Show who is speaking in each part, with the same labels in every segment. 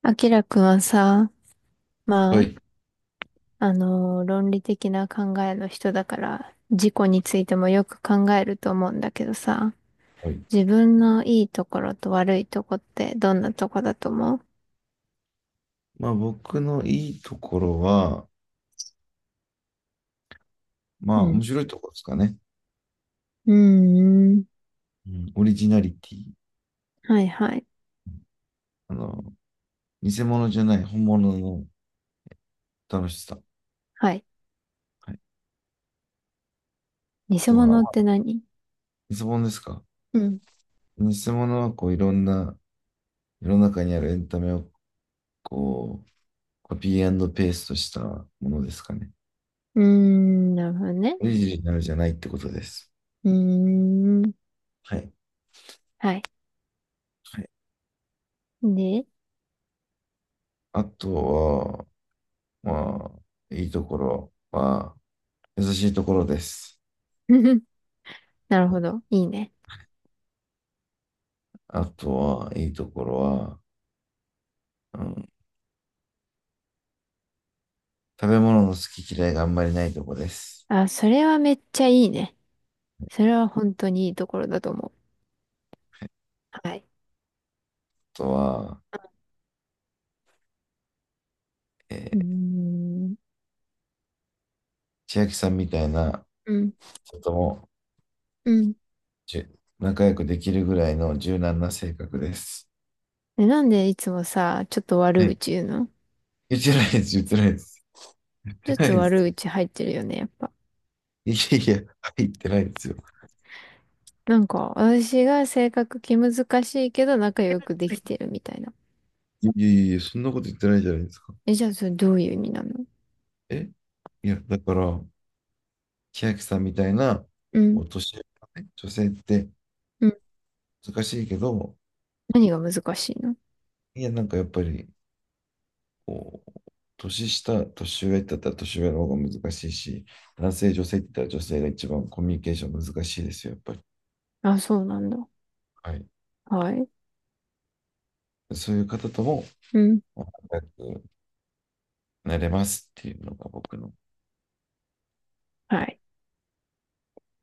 Speaker 1: あきらくんはさ、ま
Speaker 2: は
Speaker 1: あ、
Speaker 2: い。
Speaker 1: 論理的な考えの人だから、自己についてもよく考えると思うんだけどさ、
Speaker 2: はい。
Speaker 1: 自分のいいところと悪いとこってどんなとこだと思う？
Speaker 2: まあ僕のいいところは、ま
Speaker 1: う
Speaker 2: あ
Speaker 1: ん。
Speaker 2: 面白いところですかね。
Speaker 1: うーん。
Speaker 2: うん、オリジナリティ。
Speaker 1: はいはい。
Speaker 2: あの、偽物じゃない本物の楽しさ。
Speaker 1: はい。
Speaker 2: はい。あ
Speaker 1: 偽
Speaker 2: とは、
Speaker 1: 物
Speaker 2: ま
Speaker 1: って
Speaker 2: あ
Speaker 1: 何？
Speaker 2: 偽物ですか。
Speaker 1: うん。
Speaker 2: 偽物はいろんな世の中にあるエンタメをこうコピーペーストしたものですかね。
Speaker 1: うーん、なるほどね。
Speaker 2: オリジナルじゃないってことです。
Speaker 1: うーん。
Speaker 2: はい。
Speaker 1: はい。
Speaker 2: はい。
Speaker 1: で、
Speaker 2: あとは、まあ、いいところは優しいところです。
Speaker 1: なるほど。いいね。
Speaker 2: あとは、いいところは、うん、食べ物の好き嫌いがあんまりないとこです。
Speaker 1: あ、それはめっちゃいいね。それは本当にいいところだと思う。はい。
Speaker 2: あとは、え
Speaker 1: う
Speaker 2: ー
Speaker 1: ーん
Speaker 2: 千秋さんみたいな
Speaker 1: うん。
Speaker 2: 人とも
Speaker 1: うん。
Speaker 2: 仲良くできるぐらいの柔軟な性格です。
Speaker 1: え、なんでいつもさ、ちょっと悪
Speaker 2: はい。
Speaker 1: 口言うの？
Speaker 2: 言ってないです、言ってないです。言
Speaker 1: ちょ
Speaker 2: っ
Speaker 1: っ
Speaker 2: てない
Speaker 1: と
Speaker 2: で
Speaker 1: 悪
Speaker 2: す。
Speaker 1: 口入ってるよね、やっぱ。
Speaker 2: いやいや、はい言ってないですよ。
Speaker 1: なんか、私が性格気難しいけど仲良くできてるみたいな。
Speaker 2: いやいやいや、そんなこと言ってないじゃないですか。
Speaker 1: え、じゃあそれどういう意味なの？
Speaker 2: え、いや、だから、千秋さんみたいな
Speaker 1: うん。
Speaker 2: お年寄りのね、女性って
Speaker 1: うん。
Speaker 2: 難しいけど、
Speaker 1: 何が難しいの？
Speaker 2: いや、なんかやっぱり、こう、年下、年上だったら年上の方が難しいし、男性、女性って言ったら女性が一番コミュニケーション難しいですよ、やっぱり。
Speaker 1: あ、そうなんだ。
Speaker 2: はい。
Speaker 1: はい。
Speaker 2: そういう方とも、
Speaker 1: うん。
Speaker 2: ま仲良くなれますっていうのが僕の、
Speaker 1: はい。
Speaker 2: は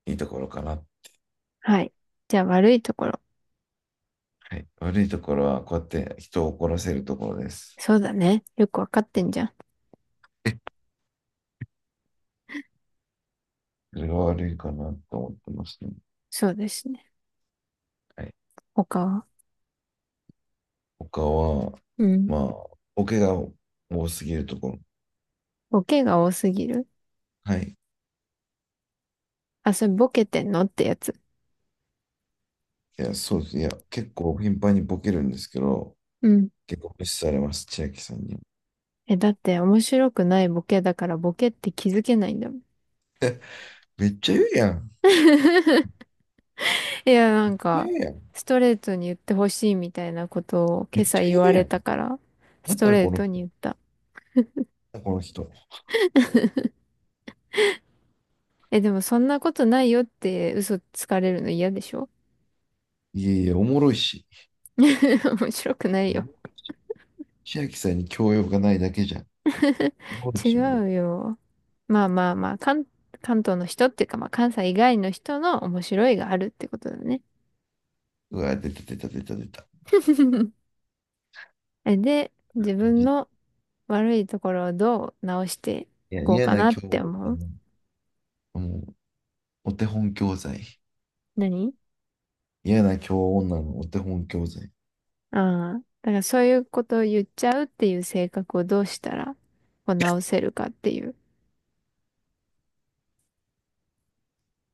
Speaker 2: い、いいところかな。
Speaker 1: はい。じゃあ悪いところ。
Speaker 2: はい。悪いところは、こうやって人を怒らせるところです。
Speaker 1: そうだね。よくわかってんじゃん。
Speaker 2: それが悪いかなと思ってますね。
Speaker 1: そうですね。
Speaker 2: はい。
Speaker 1: 他は？
Speaker 2: 他は、
Speaker 1: うん。
Speaker 2: まあ、ボケが多すぎるところ。
Speaker 1: ボケが多すぎる。
Speaker 2: はい。
Speaker 1: あ、それボケてんのってやつ。
Speaker 2: いや、そうです。いや、結構頻繁にボケるんですけど、
Speaker 1: うん。
Speaker 2: 結構無視されます、千秋さんに。
Speaker 1: え、だって面白くないボケだからボケって気づけないんだもん。
Speaker 2: めっちゃ言うやん。
Speaker 1: いや、な
Speaker 2: めっち
Speaker 1: ん
Speaker 2: ゃ
Speaker 1: か、
Speaker 2: 言うやん。
Speaker 1: ストレートに言ってほしいみたいなことを
Speaker 2: め
Speaker 1: 今
Speaker 2: っ
Speaker 1: 朝
Speaker 2: ち
Speaker 1: 言
Speaker 2: ゃ
Speaker 1: わ
Speaker 2: 言うや
Speaker 1: れ
Speaker 2: ん。
Speaker 1: たから、
Speaker 2: な
Speaker 1: ス
Speaker 2: ん
Speaker 1: ト
Speaker 2: だ
Speaker 1: レー
Speaker 2: この
Speaker 1: トに
Speaker 2: 人。
Speaker 1: 言った。
Speaker 2: なんだこの人。
Speaker 1: え、でもそんなことないよって嘘つかれるの嫌でしょ？
Speaker 2: いやいや、おもろいし。
Speaker 1: 面白くない
Speaker 2: お
Speaker 1: よ。
Speaker 2: もろいし、千秋さんに教養がないだけじゃん。おもろい
Speaker 1: 違
Speaker 2: し、俺、
Speaker 1: うよ。まあまあまあ、関、関東の人っていうか、まあ関西以外の人の面白いがあるってことだね。
Speaker 2: うわ、出た出た出た出た。
Speaker 1: えで、自分
Speaker 2: じ
Speaker 1: の悪いところをどう直してい
Speaker 2: いや、
Speaker 1: こう
Speaker 2: 嫌
Speaker 1: か
Speaker 2: な
Speaker 1: なっ
Speaker 2: 教
Speaker 1: て
Speaker 2: 女
Speaker 1: 思う？
Speaker 2: の、もう、お手本教材。
Speaker 1: 何？
Speaker 2: 嫌な教女のお手本教材。い
Speaker 1: ああー。だからそういうことを言っちゃうっていう性格をどうしたらこう直せるかっていう。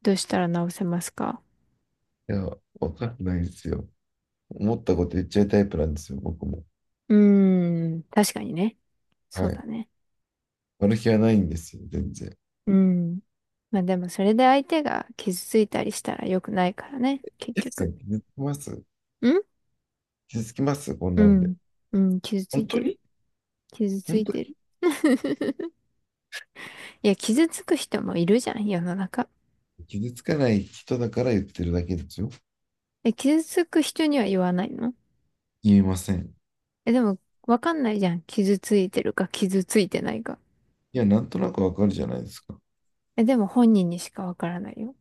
Speaker 1: どうしたら直せますか？
Speaker 2: や、わかんないですよ。思ったこと言っちゃうタイプなんですよ、僕も。
Speaker 1: うーん。確かにね。
Speaker 2: は
Speaker 1: そう
Speaker 2: い。
Speaker 1: だね。
Speaker 2: 悪気はないんですよ、全然。
Speaker 1: うん。まあでもそれで相手が傷ついたりしたら良くないからね。結
Speaker 2: 千秋さ
Speaker 1: 局。
Speaker 2: ん、気づきます？
Speaker 1: ん？
Speaker 2: 気づきますこん
Speaker 1: う
Speaker 2: なんで。
Speaker 1: ん。うん。傷つい
Speaker 2: 本当
Speaker 1: てる。
Speaker 2: に？
Speaker 1: 傷つ
Speaker 2: 本
Speaker 1: い
Speaker 2: 当
Speaker 1: てる。いや、傷つく人もいるじゃん、世の中。
Speaker 2: に傷つかない人だから言ってるだけですよ。
Speaker 1: え、傷つく人には言わないの？
Speaker 2: 言えません。
Speaker 1: え、でも、わかんないじゃん。傷ついてるか、傷ついてないか。
Speaker 2: いや、なんとなくわかるじゃないですか。
Speaker 1: え、でも本人にしかわからないよ。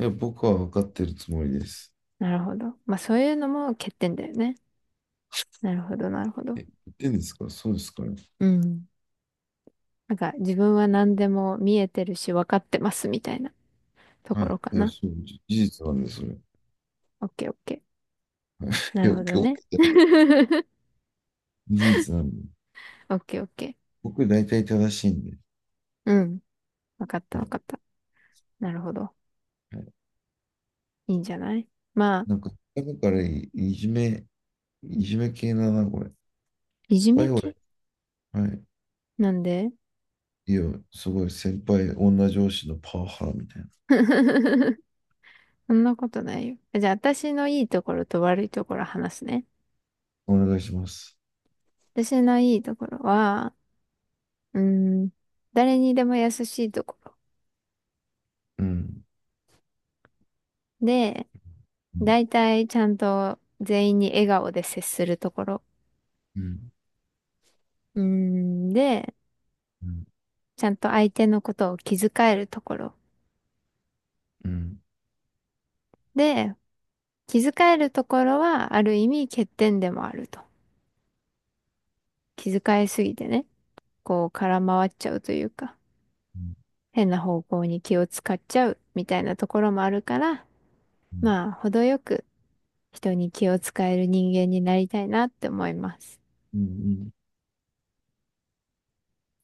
Speaker 2: いや、僕はわかってるつもりです。
Speaker 1: なるほど。まあ、そういうのも欠点だよね。なるほど、なるほど。
Speaker 2: 言ってんですからそうですから。
Speaker 1: うん。なんか、自分は何でも見えてるし、わかってますみたいなと
Speaker 2: は
Speaker 1: ころ
Speaker 2: い。
Speaker 1: か
Speaker 2: いや、
Speaker 1: な。
Speaker 2: そう、事実なんです、それ。はい、
Speaker 1: オッケーオッケー。な
Speaker 2: いや、
Speaker 1: るほど
Speaker 2: 今
Speaker 1: ね。
Speaker 2: 日、事実なんで。
Speaker 1: オッケーオッケ
Speaker 2: 僕、大体正しいんで。
Speaker 1: ー。うん。わかった
Speaker 2: は
Speaker 1: わ
Speaker 2: い。
Speaker 1: かった。なるほど。
Speaker 2: はい、
Speaker 1: いいんじゃない？まあ、
Speaker 2: なんか、だからいじめ系だな、これ。
Speaker 1: いじ
Speaker 2: はい、
Speaker 1: め系
Speaker 2: 俺。はい。
Speaker 1: なんで。
Speaker 2: いや、すごい、先輩、女上司のパワハラみたいな。
Speaker 1: そんなことないよ。じゃあ、私のいいところと悪いところ話すね。
Speaker 2: お願いします。
Speaker 1: 私のいいところは、うん、誰にでも優しいところ。
Speaker 2: うん。
Speaker 1: で、
Speaker 2: うん。
Speaker 1: 大体ちゃんと全員に笑顔で接するところ。
Speaker 2: うん。
Speaker 1: うん、で、
Speaker 2: うん
Speaker 1: ちゃんと相手のことを気遣えるところ。
Speaker 2: うん。
Speaker 1: で、気遣えるところはある意味欠点でもあると。気遣いすぎてね、こう空回っちゃうというか、
Speaker 2: うん
Speaker 1: 変な方向に気を使っちゃうみたいなところもあるから、
Speaker 2: うん
Speaker 1: まあ、程よく人に気を使える人間になりたいなって思います。
Speaker 2: うんうん。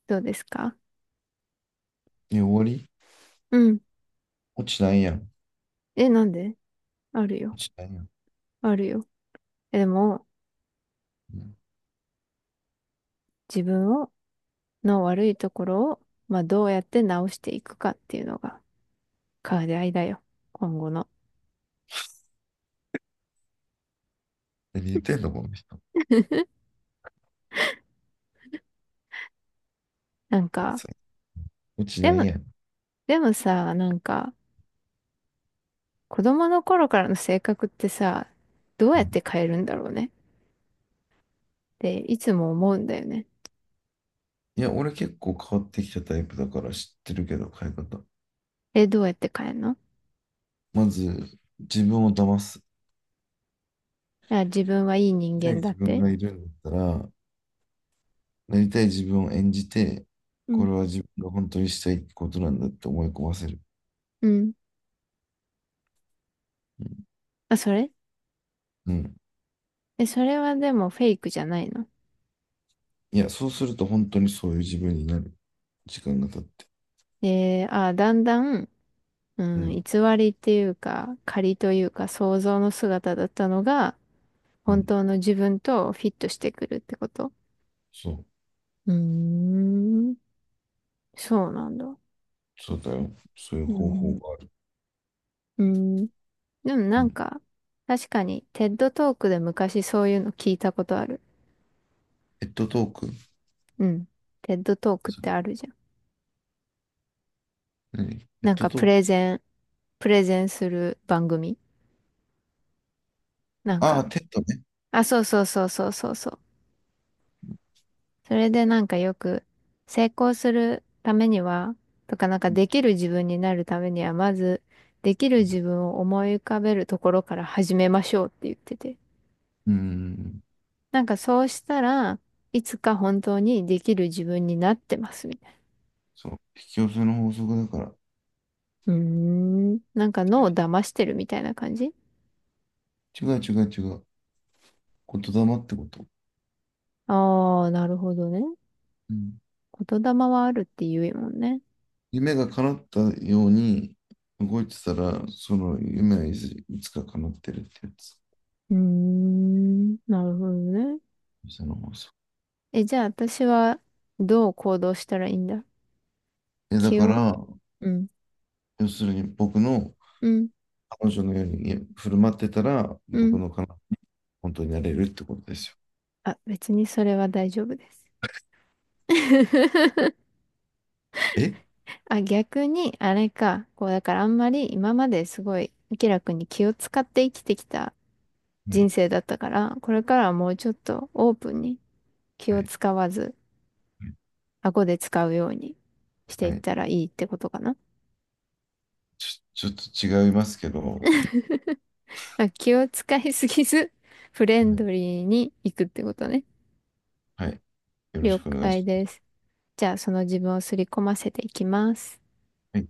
Speaker 1: どうですか？
Speaker 2: え、終わり？
Speaker 1: うん。
Speaker 2: 落ちないやん。
Speaker 1: え、なんで？あるよ。
Speaker 2: 落ちないやん。
Speaker 1: あるよ。え、でも、
Speaker 2: うん。
Speaker 1: 自分を、の悪いところを、まあ、どうやって直していくかっていうのが、課題だよ。今後の。
Speaker 2: 何言ってんの、この人。
Speaker 1: なんか、
Speaker 2: 落ち
Speaker 1: で
Speaker 2: ない
Speaker 1: も、
Speaker 2: やん。
Speaker 1: でもさ、なんか、子供の頃からの性格ってさ、どう
Speaker 2: う
Speaker 1: やって
Speaker 2: ん、
Speaker 1: 変えるんだろうね。っていつも思うんだよね。
Speaker 2: いや、俺結構変わってきたタイプだから知ってるけど、変え方。
Speaker 1: え、どうやって変えるの？
Speaker 2: まず、自分を騙す。
Speaker 1: あ、自分はいい
Speaker 2: な
Speaker 1: 人
Speaker 2: りたい
Speaker 1: 間だ
Speaker 2: 自
Speaker 1: っ
Speaker 2: 分
Speaker 1: て。
Speaker 2: がいるんだったら、なりたい自分を演じて、
Speaker 1: う
Speaker 2: こ
Speaker 1: ん。
Speaker 2: れは自分が本当にしたいことなんだって思い込ませる。
Speaker 1: うん。
Speaker 2: うん。
Speaker 1: あ、それ、
Speaker 2: うん、
Speaker 1: え、それはでもフェイクじゃないの？
Speaker 2: いや、そうすると本当にそういう自分になる。時間が経って。
Speaker 1: えー、あ、だんだん、う
Speaker 2: う
Speaker 1: ん、偽
Speaker 2: ん。
Speaker 1: りっていうか、仮というか、想像の姿だったのが、
Speaker 2: う
Speaker 1: 本
Speaker 2: ん。
Speaker 1: 当の自分とフィットしてくるってこと。
Speaker 2: そう。
Speaker 1: うーん、そうなんだ。
Speaker 2: そうだよ。そういう
Speaker 1: う
Speaker 2: 方法
Speaker 1: ん、
Speaker 2: がある。
Speaker 1: うん。でも
Speaker 2: う
Speaker 1: なん
Speaker 2: ん。
Speaker 1: か、確かに、テッドトークで昔そういうの聞いたことある。
Speaker 2: ペットトーク。
Speaker 1: うん。テッドトークって
Speaker 2: そ、
Speaker 1: あるじゃん。
Speaker 2: 何ペッ
Speaker 1: なん
Speaker 2: ト
Speaker 1: か、
Speaker 2: トーク。
Speaker 1: プレゼンする番組。なん
Speaker 2: ああ、
Speaker 1: か、
Speaker 2: テッドね。
Speaker 1: あ、そうそうそうそうそうそう。それでなんかよく成功するためには、とかなんかできる自分になるためには、まずできる自分を思い浮かべるところから始めましょうって言ってて。
Speaker 2: うん。
Speaker 1: なんかそうしたらいつか本当にできる自分になってますみたい
Speaker 2: そう。引き寄せの法則だから。
Speaker 1: な。うーん。なんか脳を騙してるみたいな感じ？
Speaker 2: 違う違う違う。言霊ってこと。
Speaker 1: ああー、なるほどね。
Speaker 2: うん。
Speaker 1: 言霊はあるって言うもんね。
Speaker 2: 夢が叶ったように動いてたら、その夢はいつか叶ってるってやつ。
Speaker 1: うーん。なるほどね。
Speaker 2: その法則。
Speaker 1: え、じゃあ私はどう行動したらいいんだ？
Speaker 2: え、だ
Speaker 1: 気
Speaker 2: か
Speaker 1: を。
Speaker 2: ら、
Speaker 1: うん
Speaker 2: 要するに僕の
Speaker 1: うん、
Speaker 2: 彼女のように振る舞ってたら、
Speaker 1: う
Speaker 2: 僕
Speaker 1: ん。
Speaker 2: の彼女、本当になれるってことですよ。
Speaker 1: あ、別にそれは大丈夫です。
Speaker 2: え、
Speaker 1: あ、逆に、あれか。こう、だからあんまり今まですごい、明らかに気を使って生きてきた
Speaker 2: は
Speaker 1: 人
Speaker 2: い。
Speaker 1: 生だったから、これからはもうちょっとオープンに気
Speaker 2: は
Speaker 1: を
Speaker 2: い。
Speaker 1: 使わず、顎で使うようにしてい
Speaker 2: は
Speaker 1: っ
Speaker 2: い。
Speaker 1: たらいいってことかな。
Speaker 2: ちょっと違いますけど、
Speaker 1: まあ、気を使いすぎず、フレン
Speaker 2: は
Speaker 1: ド
Speaker 2: い、
Speaker 1: リーに行くってことね。
Speaker 2: はい、よろし
Speaker 1: 了
Speaker 2: くお願い
Speaker 1: 解
Speaker 2: しま
Speaker 1: で
Speaker 2: す。
Speaker 1: す。じゃあ、その自分を刷り込ませていきます。
Speaker 2: はい